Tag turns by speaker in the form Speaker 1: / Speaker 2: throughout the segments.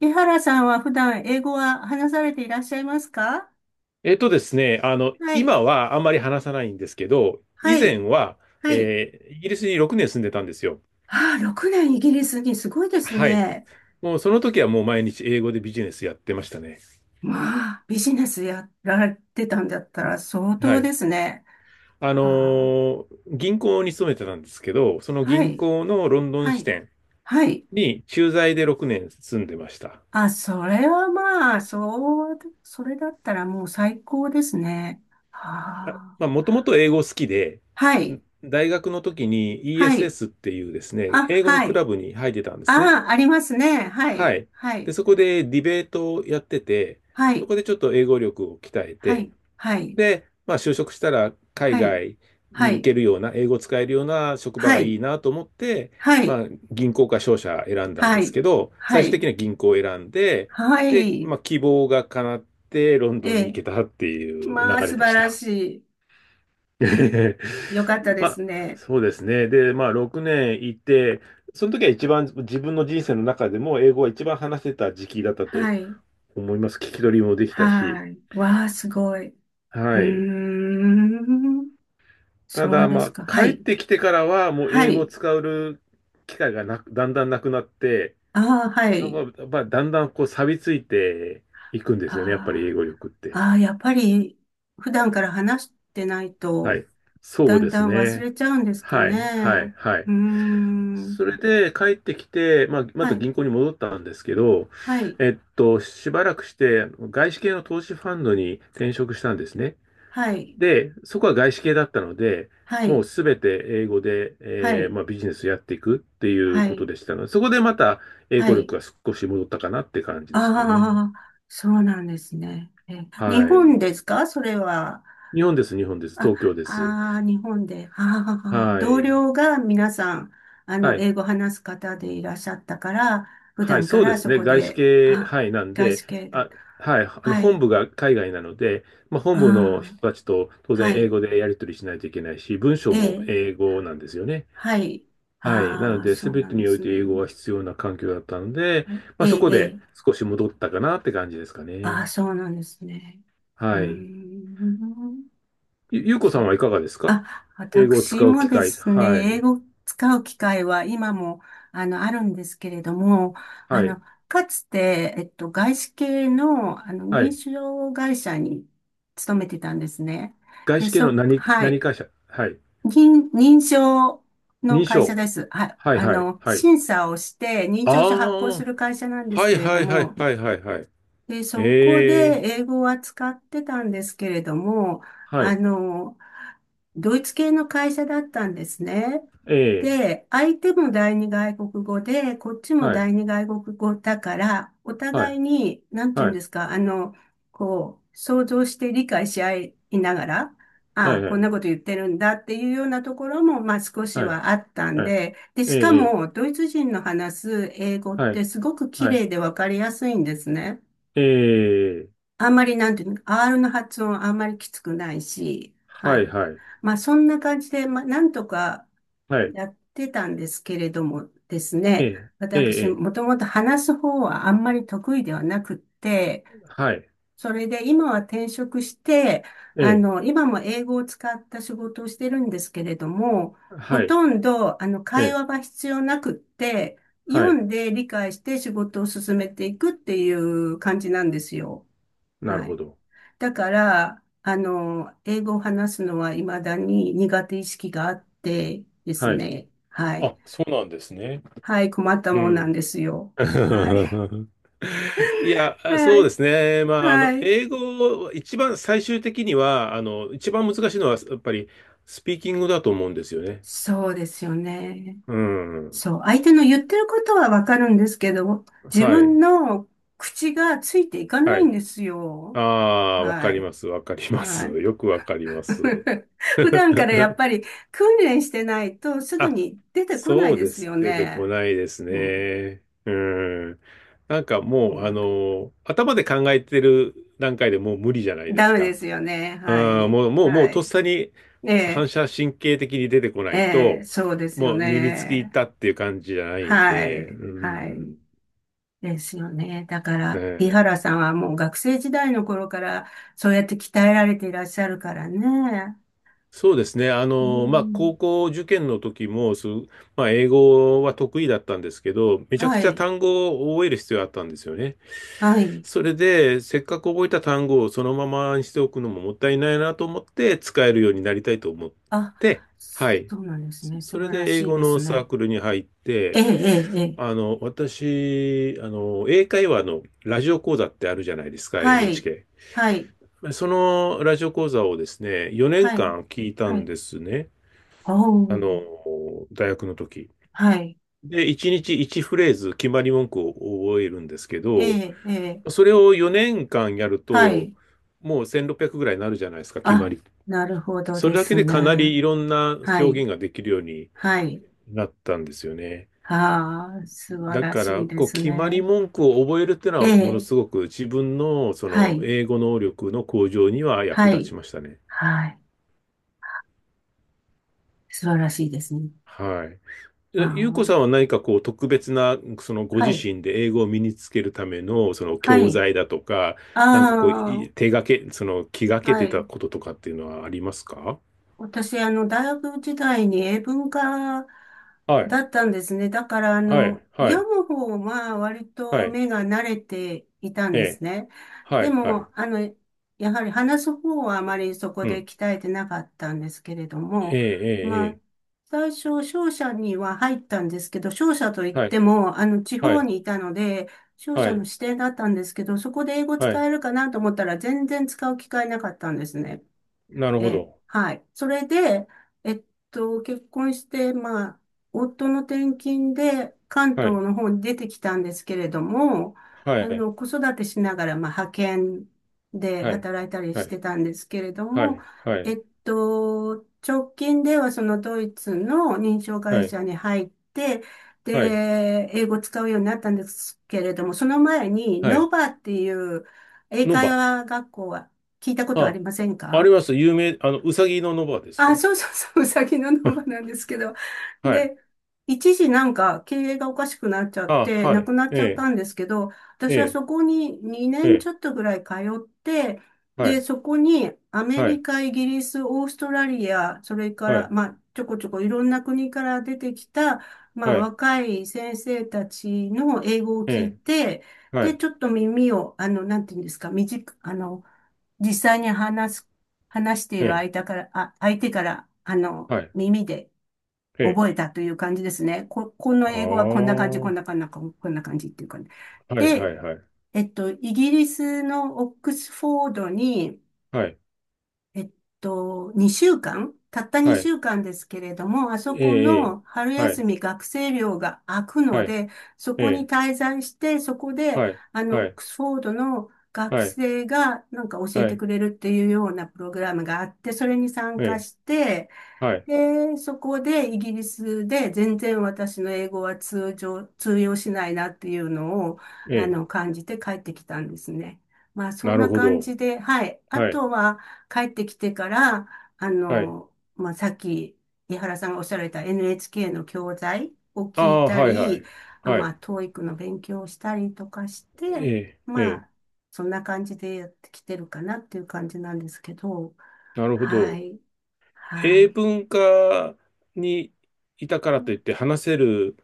Speaker 1: 江原さんは普段英語は話されていらっしゃいますか？
Speaker 2: えっとですね、あの、
Speaker 1: はい。
Speaker 2: 今はあんまり話さないんですけど、以
Speaker 1: は
Speaker 2: 前
Speaker 1: い。
Speaker 2: は、
Speaker 1: はい。
Speaker 2: イギリスに6年住んでたんですよ。
Speaker 1: ああ、6年イギリスにすごいです
Speaker 2: はい。
Speaker 1: ね。
Speaker 2: もうその時はもう毎日英語でビジネスやってましたね。
Speaker 1: まあ、ビジネスやられてたんだったら相
Speaker 2: は
Speaker 1: 当
Speaker 2: い。
Speaker 1: ですね。
Speaker 2: あの
Speaker 1: はあ、
Speaker 2: 銀行に勤めてたんですけど、その
Speaker 1: は
Speaker 2: 銀
Speaker 1: い。
Speaker 2: 行のロンドン
Speaker 1: は
Speaker 2: 支
Speaker 1: い。
Speaker 2: 店
Speaker 1: はい。
Speaker 2: に駐在で6年住んでました。
Speaker 1: あ、それはまあ、そう、それだったらもう最高ですね。
Speaker 2: あ
Speaker 1: はあ。
Speaker 2: まあ、もともと英語好きで、
Speaker 1: はい。
Speaker 2: 大学の時に
Speaker 1: はい。
Speaker 2: ESS っていうですね、
Speaker 1: あ、
Speaker 2: 英語の
Speaker 1: は
Speaker 2: ク
Speaker 1: い。
Speaker 2: ラブに入ってたんですね。
Speaker 1: ああ、ありますね。は
Speaker 2: は
Speaker 1: い。
Speaker 2: い。
Speaker 1: は
Speaker 2: で、
Speaker 1: い。
Speaker 2: そこでディベートをやってて、
Speaker 1: は
Speaker 2: そ
Speaker 1: い。
Speaker 2: こでちょっと英語力を鍛え
Speaker 1: は
Speaker 2: て、
Speaker 1: い。はい。
Speaker 2: で、まあ就職したら海
Speaker 1: はい。
Speaker 2: 外に
Speaker 1: は
Speaker 2: 行
Speaker 1: い。
Speaker 2: けるような、英語使えるような職場
Speaker 1: は
Speaker 2: がい
Speaker 1: い。
Speaker 2: いなと思って、
Speaker 1: はい。
Speaker 2: まあ銀行か商社選んだん
Speaker 1: は
Speaker 2: です
Speaker 1: い。
Speaker 2: けど、
Speaker 1: は
Speaker 2: 最終的
Speaker 1: い。
Speaker 2: には銀行を選んで、
Speaker 1: は
Speaker 2: で、
Speaker 1: い。
Speaker 2: まあ希望が叶ってロンド
Speaker 1: え
Speaker 2: ンに行
Speaker 1: え。
Speaker 2: けたっていう
Speaker 1: ま
Speaker 2: 流
Speaker 1: あ、
Speaker 2: れ
Speaker 1: 素
Speaker 2: で
Speaker 1: 晴
Speaker 2: し
Speaker 1: ら
Speaker 2: た。
Speaker 1: し
Speaker 2: ええ
Speaker 1: い。よかったで
Speaker 2: まあ、
Speaker 1: すね。
Speaker 2: そうですね。で、まあ、6年いて、その時は一番自分の人生の中でも英語が一番話せた時期だったと
Speaker 1: はい。
Speaker 2: 思います。聞き取りもできたし。
Speaker 1: はい。わあ、すごい。うー
Speaker 2: はい。
Speaker 1: ん。
Speaker 2: た
Speaker 1: そう
Speaker 2: だ、
Speaker 1: です
Speaker 2: ま
Speaker 1: か。
Speaker 2: あ、
Speaker 1: は
Speaker 2: 帰っ
Speaker 1: い。
Speaker 2: てきてからはもう
Speaker 1: は
Speaker 2: 英語を
Speaker 1: い。
Speaker 2: 使う機会がなく、だんだんなくなって、
Speaker 1: ああ、は
Speaker 2: な
Speaker 1: い。
Speaker 2: んか、まあ、だんだんこう錆びついていくんですよね。やっぱり英
Speaker 1: あ
Speaker 2: 語力っ
Speaker 1: あ、
Speaker 2: て。
Speaker 1: ああ、やっぱり、普段から話してない
Speaker 2: は
Speaker 1: と、
Speaker 2: い。そ
Speaker 1: だ
Speaker 2: う
Speaker 1: ん
Speaker 2: で
Speaker 1: だ
Speaker 2: す
Speaker 1: ん忘
Speaker 2: ね。
Speaker 1: れちゃうんですか
Speaker 2: は
Speaker 1: ね。
Speaker 2: い、はい、はい。
Speaker 1: うーん。
Speaker 2: それで帰ってきて、まあ、ま
Speaker 1: は
Speaker 2: た
Speaker 1: い。
Speaker 2: 銀行に戻ったんですけど、
Speaker 1: はい。
Speaker 2: しばらくして、外資系の投資ファンドに転職したんですね。
Speaker 1: はい。
Speaker 2: で、そこは外資系だったので、
Speaker 1: は
Speaker 2: もう
Speaker 1: い。
Speaker 2: すべて英語で、
Speaker 1: はい、
Speaker 2: まあ、ビジネスやっていくっていう
Speaker 1: は
Speaker 2: こと
Speaker 1: い、
Speaker 2: でしたので、そこでまた英
Speaker 1: は
Speaker 2: 語
Speaker 1: い。
Speaker 2: 力が少し戻ったかなって感じですかね。
Speaker 1: ああ、そうなんですね。え、日
Speaker 2: は
Speaker 1: 本
Speaker 2: い。
Speaker 1: ですかそれは？
Speaker 2: 日本です、日本です。
Speaker 1: あ、
Speaker 2: 東京です。
Speaker 1: ああ、日本で。ああ、
Speaker 2: は
Speaker 1: 同
Speaker 2: い。
Speaker 1: 僚が皆さん、
Speaker 2: はい。
Speaker 1: 英語話す方でいらっしゃったから、普
Speaker 2: はい、
Speaker 1: 段か
Speaker 2: そうで
Speaker 1: ら
Speaker 2: す
Speaker 1: そ
Speaker 2: ね。
Speaker 1: こ
Speaker 2: 外資
Speaker 1: で、
Speaker 2: 系、
Speaker 1: あ、
Speaker 2: はい、なん
Speaker 1: 外
Speaker 2: で、
Speaker 1: 資系だ。
Speaker 2: あ、はい、あの
Speaker 1: は
Speaker 2: 本
Speaker 1: い、
Speaker 2: 部が海外なので、まあ、本
Speaker 1: あ
Speaker 2: 部の
Speaker 1: あ、
Speaker 2: 人たちと当然
Speaker 1: は
Speaker 2: 英
Speaker 1: い、
Speaker 2: 語でやり取りしないといけないし、文章
Speaker 1: え
Speaker 2: も
Speaker 1: え、
Speaker 2: 英語なんですよね。
Speaker 1: はい。
Speaker 2: はい。なの
Speaker 1: ああ、
Speaker 2: で、
Speaker 1: そ
Speaker 2: す
Speaker 1: う
Speaker 2: べ
Speaker 1: な
Speaker 2: て
Speaker 1: んで
Speaker 2: におい
Speaker 1: す
Speaker 2: て英語
Speaker 1: ね。
Speaker 2: が必要な環境だったので、
Speaker 1: はい
Speaker 2: まあ、
Speaker 1: え
Speaker 2: そ
Speaker 1: え、
Speaker 2: こ
Speaker 1: え
Speaker 2: で
Speaker 1: え、
Speaker 2: 少し戻ったかなって感じですかね。
Speaker 1: ああ、そうなんですね。うー
Speaker 2: はい。
Speaker 1: ん。
Speaker 2: ゆ、ゆうこさ
Speaker 1: そ
Speaker 2: ん
Speaker 1: う、
Speaker 2: はいかがですか？
Speaker 1: あ、
Speaker 2: 英語を使
Speaker 1: 私
Speaker 2: う
Speaker 1: も
Speaker 2: 機
Speaker 1: で
Speaker 2: 会。
Speaker 1: す
Speaker 2: は
Speaker 1: ね、英
Speaker 2: い。
Speaker 1: 語を使う機会は今も、あるんですけれども、あ
Speaker 2: はい。
Speaker 1: の、かつて、外資系の、
Speaker 2: は
Speaker 1: 認
Speaker 2: い。
Speaker 1: 証会社に勤めてたんですね。
Speaker 2: 外
Speaker 1: で、
Speaker 2: 資系の
Speaker 1: そ、
Speaker 2: 何、
Speaker 1: は
Speaker 2: 何
Speaker 1: い。
Speaker 2: 会社？はい。
Speaker 1: 認、認証の
Speaker 2: 認
Speaker 1: 会社
Speaker 2: 証。
Speaker 1: です。はい。
Speaker 2: はい、はい、はい。
Speaker 1: 審査をして認
Speaker 2: あ
Speaker 1: 証書発行する
Speaker 2: あ、
Speaker 1: 会社なんです
Speaker 2: はい
Speaker 1: けれど
Speaker 2: はいはい
Speaker 1: も、
Speaker 2: はいはいはい。
Speaker 1: で、そこで
Speaker 2: ええ、
Speaker 1: 英語は使ってたんですけれども、
Speaker 2: は
Speaker 1: あ
Speaker 2: い、
Speaker 1: の、ドイツ系の会社だったんですね。
Speaker 2: ええ、
Speaker 1: で、相手も第二外国語で、こっちも
Speaker 2: は
Speaker 1: 第
Speaker 2: い、
Speaker 1: 二外国語だから、お
Speaker 2: は
Speaker 1: 互い
Speaker 2: い、
Speaker 1: に、なんて言う
Speaker 2: は
Speaker 1: んで
Speaker 2: い、
Speaker 1: すか、こう、想像して理解し合いながら、あ
Speaker 2: は
Speaker 1: あ、
Speaker 2: い、は
Speaker 1: こん
Speaker 2: い、
Speaker 1: なこと言ってるんだっていうようなところも、まあ少し
Speaker 2: はい、
Speaker 1: はあったん
Speaker 2: はい、
Speaker 1: で、で、
Speaker 2: え
Speaker 1: しか
Speaker 2: え、
Speaker 1: も、ドイツ人の話す英語っ
Speaker 2: は
Speaker 1: て
Speaker 2: い、
Speaker 1: すごく綺
Speaker 2: はい、
Speaker 1: 麗でわかりやすいんですね。
Speaker 2: ええ、
Speaker 1: あんまりなんていうの、R の発音あんまりきつくないし、は
Speaker 2: はい、
Speaker 1: い。
Speaker 2: はい、
Speaker 1: まあそんな感じで、まあなんとか
Speaker 2: はい、
Speaker 1: やってたんですけれどもです
Speaker 2: え
Speaker 1: ね、
Speaker 2: え、え
Speaker 1: 私
Speaker 2: え、
Speaker 1: もともと話す方はあんまり得意ではなくって、
Speaker 2: はい、
Speaker 1: それで今は転職して、
Speaker 2: ええ、
Speaker 1: 今も英語を使った仕事をしてるんですけれども、ほ
Speaker 2: はい、
Speaker 1: とんどあの
Speaker 2: え
Speaker 1: 会
Speaker 2: え、
Speaker 1: 話は必要なくって、
Speaker 2: は
Speaker 1: 読
Speaker 2: い、
Speaker 1: んで理解して仕事を進めていくっていう感じなんですよ。
Speaker 2: なる
Speaker 1: は
Speaker 2: ほ
Speaker 1: い。
Speaker 2: ど。
Speaker 1: だから、英語を話すのは未だに苦手意識があってです
Speaker 2: はい。
Speaker 1: ね。はい。
Speaker 2: あ、そうなんですね。
Speaker 1: はい、困った
Speaker 2: う
Speaker 1: もんなん
Speaker 2: ん。
Speaker 1: ですよ。はい。
Speaker 2: いや、そ
Speaker 1: は
Speaker 2: うで
Speaker 1: い。
Speaker 2: すね。まあ、
Speaker 1: はい。
Speaker 2: 英語、一番最終的には、一番難しいのは、やっぱり、スピーキングだと思うんですよね。
Speaker 1: そうですよね。
Speaker 2: うん。
Speaker 1: そう。相手の言ってることはわかるんですけど、自
Speaker 2: は
Speaker 1: 分
Speaker 2: い。
Speaker 1: の口がついていかな
Speaker 2: は
Speaker 1: い
Speaker 2: い。
Speaker 1: んです
Speaker 2: あ
Speaker 1: よ。
Speaker 2: あ、わか
Speaker 1: は
Speaker 2: り
Speaker 1: い。
Speaker 2: ます。わかりま
Speaker 1: は
Speaker 2: す。
Speaker 1: い。
Speaker 2: よくわかります。
Speaker 1: 普段からやっぱ り訓練してないとすぐ
Speaker 2: あ、
Speaker 1: に出てこな
Speaker 2: そ
Speaker 1: い
Speaker 2: う
Speaker 1: で
Speaker 2: で
Speaker 1: す
Speaker 2: す。
Speaker 1: よ
Speaker 2: 出てこ
Speaker 1: ね。
Speaker 2: ないです
Speaker 1: うん。
Speaker 2: ね。うん。なんか
Speaker 1: う
Speaker 2: もう、
Speaker 1: ん
Speaker 2: 頭で考えてる段階でもう無理じゃないで
Speaker 1: ダ
Speaker 2: す
Speaker 1: メで
Speaker 2: か。
Speaker 1: すよね。
Speaker 2: う
Speaker 1: は
Speaker 2: ん、
Speaker 1: い。
Speaker 2: もう、もう、もう、
Speaker 1: は
Speaker 2: とっ
Speaker 1: い。
Speaker 2: さに
Speaker 1: え
Speaker 2: 反
Speaker 1: え、
Speaker 2: 射神経的に出てこない
Speaker 1: ええ、
Speaker 2: と、
Speaker 1: そうですよ
Speaker 2: もう身につきいっ
Speaker 1: ね。
Speaker 2: たっていう感じじゃないん
Speaker 1: は
Speaker 2: で、
Speaker 1: い。
Speaker 2: う
Speaker 1: は
Speaker 2: ん。
Speaker 1: い。
Speaker 2: ね
Speaker 1: ですよね。だから、井
Speaker 2: え
Speaker 1: 原さんはもう学生時代の頃から、そうやって鍛えられていらっしゃるからね。
Speaker 2: そうですね。
Speaker 1: う
Speaker 2: まあ、
Speaker 1: ん。
Speaker 2: 高校受験の時も、まあ、英語は得意だったんですけど、めちゃく
Speaker 1: は
Speaker 2: ちゃ
Speaker 1: い。
Speaker 2: 単語を覚える必要があったんですよね。
Speaker 1: はい。
Speaker 2: それで、せっかく覚えた単語をそのままにしておくのももったいないなと思って、使えるようになりたいと思っ
Speaker 1: あ、
Speaker 2: て、はい。
Speaker 1: そうなんです
Speaker 2: そ
Speaker 1: ね。素
Speaker 2: それ
Speaker 1: 晴ら
Speaker 2: で、英
Speaker 1: しい
Speaker 2: 語
Speaker 1: で
Speaker 2: の
Speaker 1: す
Speaker 2: サー
Speaker 1: ね。
Speaker 2: クルに入っ
Speaker 1: ええ、
Speaker 2: て、
Speaker 1: ええ、ええ。
Speaker 2: 私、英会話のラジオ講座ってあるじゃないですか、
Speaker 1: はい。
Speaker 2: NHK。
Speaker 1: はい。
Speaker 2: そのラジオ講座をですね、4
Speaker 1: は
Speaker 2: 年
Speaker 1: い。
Speaker 2: 間聞いた
Speaker 1: は
Speaker 2: ん
Speaker 1: い。
Speaker 2: ですね。
Speaker 1: お
Speaker 2: あの、
Speaker 1: ー。
Speaker 2: 大学の時。
Speaker 1: はい。
Speaker 2: で、1日1フレーズ決まり文句を覚えるんですけ
Speaker 1: え
Speaker 2: ど、
Speaker 1: え、ええ。
Speaker 2: それを4年間やる
Speaker 1: は
Speaker 2: と、
Speaker 1: い。
Speaker 2: もう1600ぐらいになるじゃないですか、決ま
Speaker 1: あ、
Speaker 2: り。
Speaker 1: なるほど
Speaker 2: そ
Speaker 1: で
Speaker 2: れだけ
Speaker 1: す
Speaker 2: でかな
Speaker 1: ね。
Speaker 2: りいろんな表
Speaker 1: はい。
Speaker 2: 現ができるように
Speaker 1: はい。
Speaker 2: なったんですよね。
Speaker 1: ああ、素晴
Speaker 2: だ
Speaker 1: ら
Speaker 2: か
Speaker 1: し
Speaker 2: ら、
Speaker 1: いで
Speaker 2: こう、
Speaker 1: す
Speaker 2: 決まり
Speaker 1: ね。
Speaker 2: 文句を覚えるっていう
Speaker 1: え
Speaker 2: のは、ものす
Speaker 1: え。
Speaker 2: ごく自分のそ
Speaker 1: は
Speaker 2: の
Speaker 1: い。
Speaker 2: 英語能力の向上には役
Speaker 1: は
Speaker 2: 立
Speaker 1: い。
Speaker 2: ちましたね。
Speaker 1: はい。素晴らしいですね。
Speaker 2: はい。
Speaker 1: あ
Speaker 2: ゆうこ
Speaker 1: あ、
Speaker 2: さんは何かこう特別な、そのご
Speaker 1: は
Speaker 2: 自
Speaker 1: い。
Speaker 2: 身で英語を身につけるための、その
Speaker 1: は
Speaker 2: 教
Speaker 1: い。
Speaker 2: 材だとか、
Speaker 1: あ
Speaker 2: なんかこう、
Speaker 1: あ、
Speaker 2: い手がけ、その気がけ
Speaker 1: は
Speaker 2: てた
Speaker 1: い。
Speaker 2: こととかっていうのはありますか？
Speaker 1: 私、大学時代に英文科
Speaker 2: はい、
Speaker 1: だったんですね。だから、
Speaker 2: はい、は
Speaker 1: 読
Speaker 2: い、
Speaker 1: む方は割
Speaker 2: は
Speaker 1: と
Speaker 2: い、
Speaker 1: 目が慣れていたん
Speaker 2: え
Speaker 1: です
Speaker 2: え、
Speaker 1: ね。
Speaker 2: は
Speaker 1: で
Speaker 2: い、はい、
Speaker 1: も、やはり話す方はあまりそこ
Speaker 2: う
Speaker 1: で
Speaker 2: ん、
Speaker 1: 鍛えてなかったんですけれども、
Speaker 2: ええ、え
Speaker 1: まあ、
Speaker 2: え、
Speaker 1: 最初、商社には入ったんですけど、商社といっ
Speaker 2: ええ、は
Speaker 1: て
Speaker 2: い、
Speaker 1: も、地
Speaker 2: は
Speaker 1: 方
Speaker 2: い、
Speaker 1: にいたので、商
Speaker 2: は
Speaker 1: 社の
Speaker 2: い、
Speaker 1: 指定だったんですけど、そこで英語
Speaker 2: は
Speaker 1: 使
Speaker 2: い、
Speaker 1: えるかなと思ったら全然使う機会なかったんですね。
Speaker 2: なる
Speaker 1: え
Speaker 2: ほ
Speaker 1: え、
Speaker 2: ど。
Speaker 1: はい。それで、えっ結婚して、まあ、夫の転勤で関
Speaker 2: は
Speaker 1: 東
Speaker 2: い、
Speaker 1: の方に出てきたんですけれども、
Speaker 2: はい、
Speaker 1: 子育てしながら、まあ、派遣で
Speaker 2: はい、
Speaker 1: 働いたり
Speaker 2: は
Speaker 1: して
Speaker 2: い、
Speaker 1: たんですけれど
Speaker 2: は
Speaker 1: も、
Speaker 2: い、はい、
Speaker 1: 直近ではそのドイツの認証
Speaker 2: は
Speaker 1: 会
Speaker 2: い、
Speaker 1: 社に入って、
Speaker 2: はい、
Speaker 1: で、英語を使うようになったんですけれども、その前に、
Speaker 2: は
Speaker 1: ノ
Speaker 2: い、
Speaker 1: バっていう英
Speaker 2: ノ
Speaker 1: 会
Speaker 2: バ。
Speaker 1: 話学校は聞いたことあ
Speaker 2: あ、
Speaker 1: りません
Speaker 2: あり
Speaker 1: か？
Speaker 2: ます。有名、うさぎのノバです
Speaker 1: あ、
Speaker 2: か？
Speaker 1: そうそうそう、うさぎのノマな んですけど。
Speaker 2: はい
Speaker 1: で、一時なんか経営がおかしくなっちゃっ
Speaker 2: あ、
Speaker 1: て、
Speaker 2: は
Speaker 1: なく
Speaker 2: い。
Speaker 1: なっ
Speaker 2: え
Speaker 1: ちゃった
Speaker 2: え、
Speaker 1: んですけど、
Speaker 2: え
Speaker 1: 私は
Speaker 2: え、
Speaker 1: そこに2
Speaker 2: え
Speaker 1: 年ち
Speaker 2: え、
Speaker 1: ょっとぐらい通って、
Speaker 2: は
Speaker 1: で、
Speaker 2: い、
Speaker 1: そこにアメ
Speaker 2: は
Speaker 1: リ
Speaker 2: い、
Speaker 1: カ、イギリス、オーストラリア、それか
Speaker 2: は
Speaker 1: ら、
Speaker 2: い、
Speaker 1: まあ、ちょこちょこいろんな国から出てきた、まあ、
Speaker 2: はい、
Speaker 1: 若い先生たちの英語を
Speaker 2: え
Speaker 1: 聞い
Speaker 2: え、
Speaker 1: て、
Speaker 2: は
Speaker 1: で、
Speaker 2: い、
Speaker 1: ちょっと耳を、なんていうんですか、短く、実際に話す話してい
Speaker 2: え
Speaker 1: る
Speaker 2: え、
Speaker 1: 相手から、あ、相手から、
Speaker 2: はい、
Speaker 1: 耳で
Speaker 2: ええ、
Speaker 1: 覚えたという感じですね。こ、この
Speaker 2: ああ、
Speaker 1: 英語はこんな感じ、こ
Speaker 2: は
Speaker 1: んな感じ、こんな感じっていうかね。
Speaker 2: い、はい、
Speaker 1: で、
Speaker 2: はい、
Speaker 1: イギリスのオックスフォードに、
Speaker 2: はい、
Speaker 1: えっ2週間たった
Speaker 2: は
Speaker 1: 2
Speaker 2: い、
Speaker 1: 週間ですけれども、あそ
Speaker 2: え
Speaker 1: こ
Speaker 2: え、ええ
Speaker 1: の春
Speaker 2: は
Speaker 1: 休
Speaker 2: い、
Speaker 1: み学生寮が空くの
Speaker 2: はい、
Speaker 1: で、そ
Speaker 2: え
Speaker 1: こに
Speaker 2: え、
Speaker 1: 滞在して、そこで、
Speaker 2: はい、
Speaker 1: オ
Speaker 2: は
Speaker 1: ッ
Speaker 2: い、
Speaker 1: クスフォードの学
Speaker 2: はい、
Speaker 1: 生がなんか教え
Speaker 2: は
Speaker 1: て
Speaker 2: い、
Speaker 1: くれるっていうようなプログラムがあって、それに参
Speaker 2: え
Speaker 1: 加
Speaker 2: え、
Speaker 1: して、
Speaker 2: はい、
Speaker 1: で、そこでイギリスで全然私の英語は通常、通用しないなっていうのを、
Speaker 2: ええ、
Speaker 1: 感じて帰ってきたんですね。まあ、そ
Speaker 2: な
Speaker 1: ん
Speaker 2: る
Speaker 1: な
Speaker 2: ほ
Speaker 1: 感
Speaker 2: ど。
Speaker 1: じで、はい。あ
Speaker 2: はい、
Speaker 1: とは、帰ってきてから、
Speaker 2: はい、
Speaker 1: まあ、さっき、井原さんがおっしゃられた NHK の教材を
Speaker 2: あ
Speaker 1: 聞い
Speaker 2: あ、
Speaker 1: た
Speaker 2: はい、は
Speaker 1: り、
Speaker 2: い、
Speaker 1: あ
Speaker 2: は
Speaker 1: まあ、
Speaker 2: い、
Speaker 1: t o の勉強をしたりとかして、
Speaker 2: ええ、え
Speaker 1: ま
Speaker 2: え、
Speaker 1: あ、そんな感じでやってきてるかなっていう感じなんですけど、
Speaker 2: なるほ
Speaker 1: は
Speaker 2: ど。
Speaker 1: い、は
Speaker 2: 英
Speaker 1: い。
Speaker 2: 文科にいたからといって話せる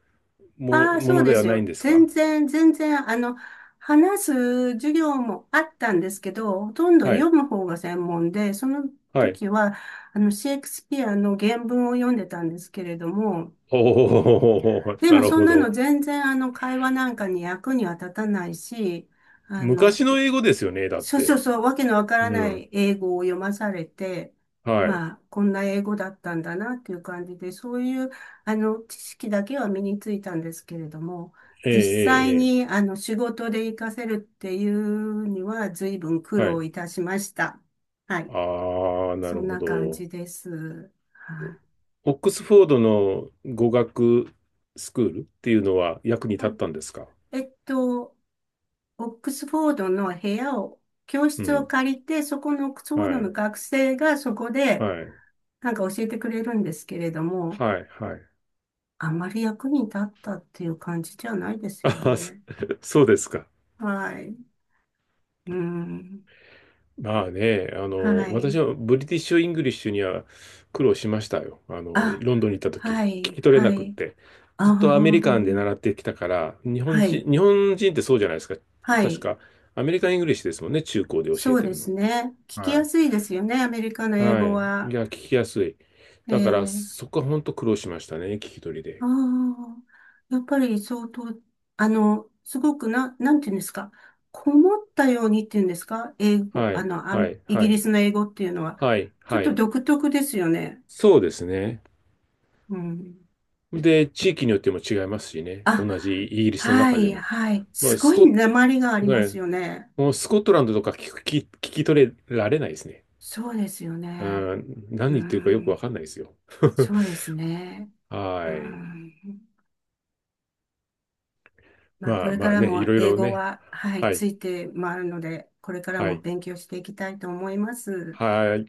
Speaker 2: も、
Speaker 1: ああ、
Speaker 2: も
Speaker 1: そう
Speaker 2: の
Speaker 1: で
Speaker 2: では
Speaker 1: す
Speaker 2: ないん
Speaker 1: よ。
Speaker 2: です
Speaker 1: 全
Speaker 2: か？
Speaker 1: 然、全然、話す授業もあったんですけど、ほとんど
Speaker 2: はい
Speaker 1: 読む方が専門で、その
Speaker 2: はい。
Speaker 1: 時は、シェイクスピアの原文を読んでたんですけれども、
Speaker 2: おー
Speaker 1: で
Speaker 2: な
Speaker 1: も
Speaker 2: る
Speaker 1: そん
Speaker 2: ほ
Speaker 1: なの
Speaker 2: ど。
Speaker 1: 全然、会話なんかに役には立たないし、あの、
Speaker 2: 昔の英語ですよね、だっ
Speaker 1: そうそう
Speaker 2: て。
Speaker 1: そう、わけのわから
Speaker 2: う
Speaker 1: な
Speaker 2: ん。
Speaker 1: い英語を読まされて、
Speaker 2: はい。
Speaker 1: まあ、こんな英語だったんだなっていう感じで、そういう、知識だけは身についたんですけれども、
Speaker 2: ええ、
Speaker 1: 実際
Speaker 2: え
Speaker 1: に、
Speaker 2: え、
Speaker 1: 仕事で活かせるっていうには、随分苦
Speaker 2: ええは
Speaker 1: 労
Speaker 2: い。
Speaker 1: いたしました。はい。
Speaker 2: ああ、な
Speaker 1: そ
Speaker 2: る
Speaker 1: ん
Speaker 2: ほ
Speaker 1: な感
Speaker 2: ど。
Speaker 1: じです。はい。
Speaker 2: オックスフォードの語学スクールっていうのは役に立
Speaker 1: は
Speaker 2: っ
Speaker 1: い
Speaker 2: たんですか？
Speaker 1: えっと、オックスフォードの部屋を、教
Speaker 2: う
Speaker 1: 室を
Speaker 2: ん。
Speaker 1: 借りて、そこのオックスフォード
Speaker 2: は
Speaker 1: の
Speaker 2: い。
Speaker 1: 学生がそこで、
Speaker 2: はい。
Speaker 1: なんか教えてくれるんですけれども、
Speaker 2: はい。はい。
Speaker 1: あんまり役に立ったっていう感じじゃないです
Speaker 2: あ
Speaker 1: よ
Speaker 2: ー、そ
Speaker 1: ね。
Speaker 2: そうですか。
Speaker 1: はい。うん。
Speaker 2: まあね、
Speaker 1: は
Speaker 2: 私
Speaker 1: い。
Speaker 2: はブリティッシュ・イングリッシュには苦労しましたよ。
Speaker 1: あ、
Speaker 2: ロンドンに行った
Speaker 1: は
Speaker 2: 時、聞
Speaker 1: い、
Speaker 2: き取れな
Speaker 1: は
Speaker 2: くっ
Speaker 1: い。
Speaker 2: て。
Speaker 1: あ
Speaker 2: ずっとアメリカン
Speaker 1: あ、
Speaker 2: で習ってきたから、日本
Speaker 1: はい、
Speaker 2: 人、日本人ってそうじゃないですか。
Speaker 1: は
Speaker 2: 確
Speaker 1: い。
Speaker 2: か、アメリカン・イングリッシュですもんね、中高で教
Speaker 1: そ
Speaker 2: え
Speaker 1: う
Speaker 2: て
Speaker 1: で
Speaker 2: るのっ
Speaker 1: す
Speaker 2: て。
Speaker 1: ね。聞き
Speaker 2: は
Speaker 1: や
Speaker 2: い。
Speaker 1: すいですよね、アメリカの英
Speaker 2: は
Speaker 1: 語
Speaker 2: い。い
Speaker 1: は。
Speaker 2: や、聞きやすい。だから、
Speaker 1: ええ
Speaker 2: そこは本当苦労しましたね、聞き取り
Speaker 1: あ
Speaker 2: で。
Speaker 1: あ、やっぱり相当、すごくな、なんていうんですか、こもったようにっていうんですか、英語、
Speaker 2: はい、
Speaker 1: ア
Speaker 2: は
Speaker 1: メ
Speaker 2: い、
Speaker 1: イ
Speaker 2: は
Speaker 1: ギリ
Speaker 2: い、
Speaker 1: スの英語っていうのは、
Speaker 2: はい、
Speaker 1: ちょっ
Speaker 2: は
Speaker 1: と
Speaker 2: い。
Speaker 1: 独特ですよね。
Speaker 2: そうですね。
Speaker 1: うん。
Speaker 2: で、地域によっても違いますしね。
Speaker 1: あ、
Speaker 2: 同じイギリスの
Speaker 1: は
Speaker 2: 中
Speaker 1: い、
Speaker 2: でも。
Speaker 1: はい。
Speaker 2: まあ、
Speaker 1: す
Speaker 2: ス
Speaker 1: ごい
Speaker 2: コッ
Speaker 1: 訛りがあり
Speaker 2: ぐ
Speaker 1: ま
Speaker 2: ら
Speaker 1: す
Speaker 2: い、
Speaker 1: よね。
Speaker 2: もうスコットランドとか聞き取れられないですね。
Speaker 1: そうですよ
Speaker 2: う
Speaker 1: ね。
Speaker 2: ん、何
Speaker 1: う
Speaker 2: 言ってるかよくわかん
Speaker 1: ん。
Speaker 2: ないですよ。
Speaker 1: そうですね。う
Speaker 2: はい。
Speaker 1: ん。まあ、
Speaker 2: ま
Speaker 1: こ
Speaker 2: あ
Speaker 1: れか
Speaker 2: まあ
Speaker 1: ら
Speaker 2: ね、い
Speaker 1: も
Speaker 2: ろい
Speaker 1: 英
Speaker 2: ろ
Speaker 1: 語
Speaker 2: ね。
Speaker 1: は、はい、
Speaker 2: はい。
Speaker 1: ついて回るので、これから
Speaker 2: は
Speaker 1: も
Speaker 2: い。
Speaker 1: 勉強していきたいと思います。
Speaker 2: はい。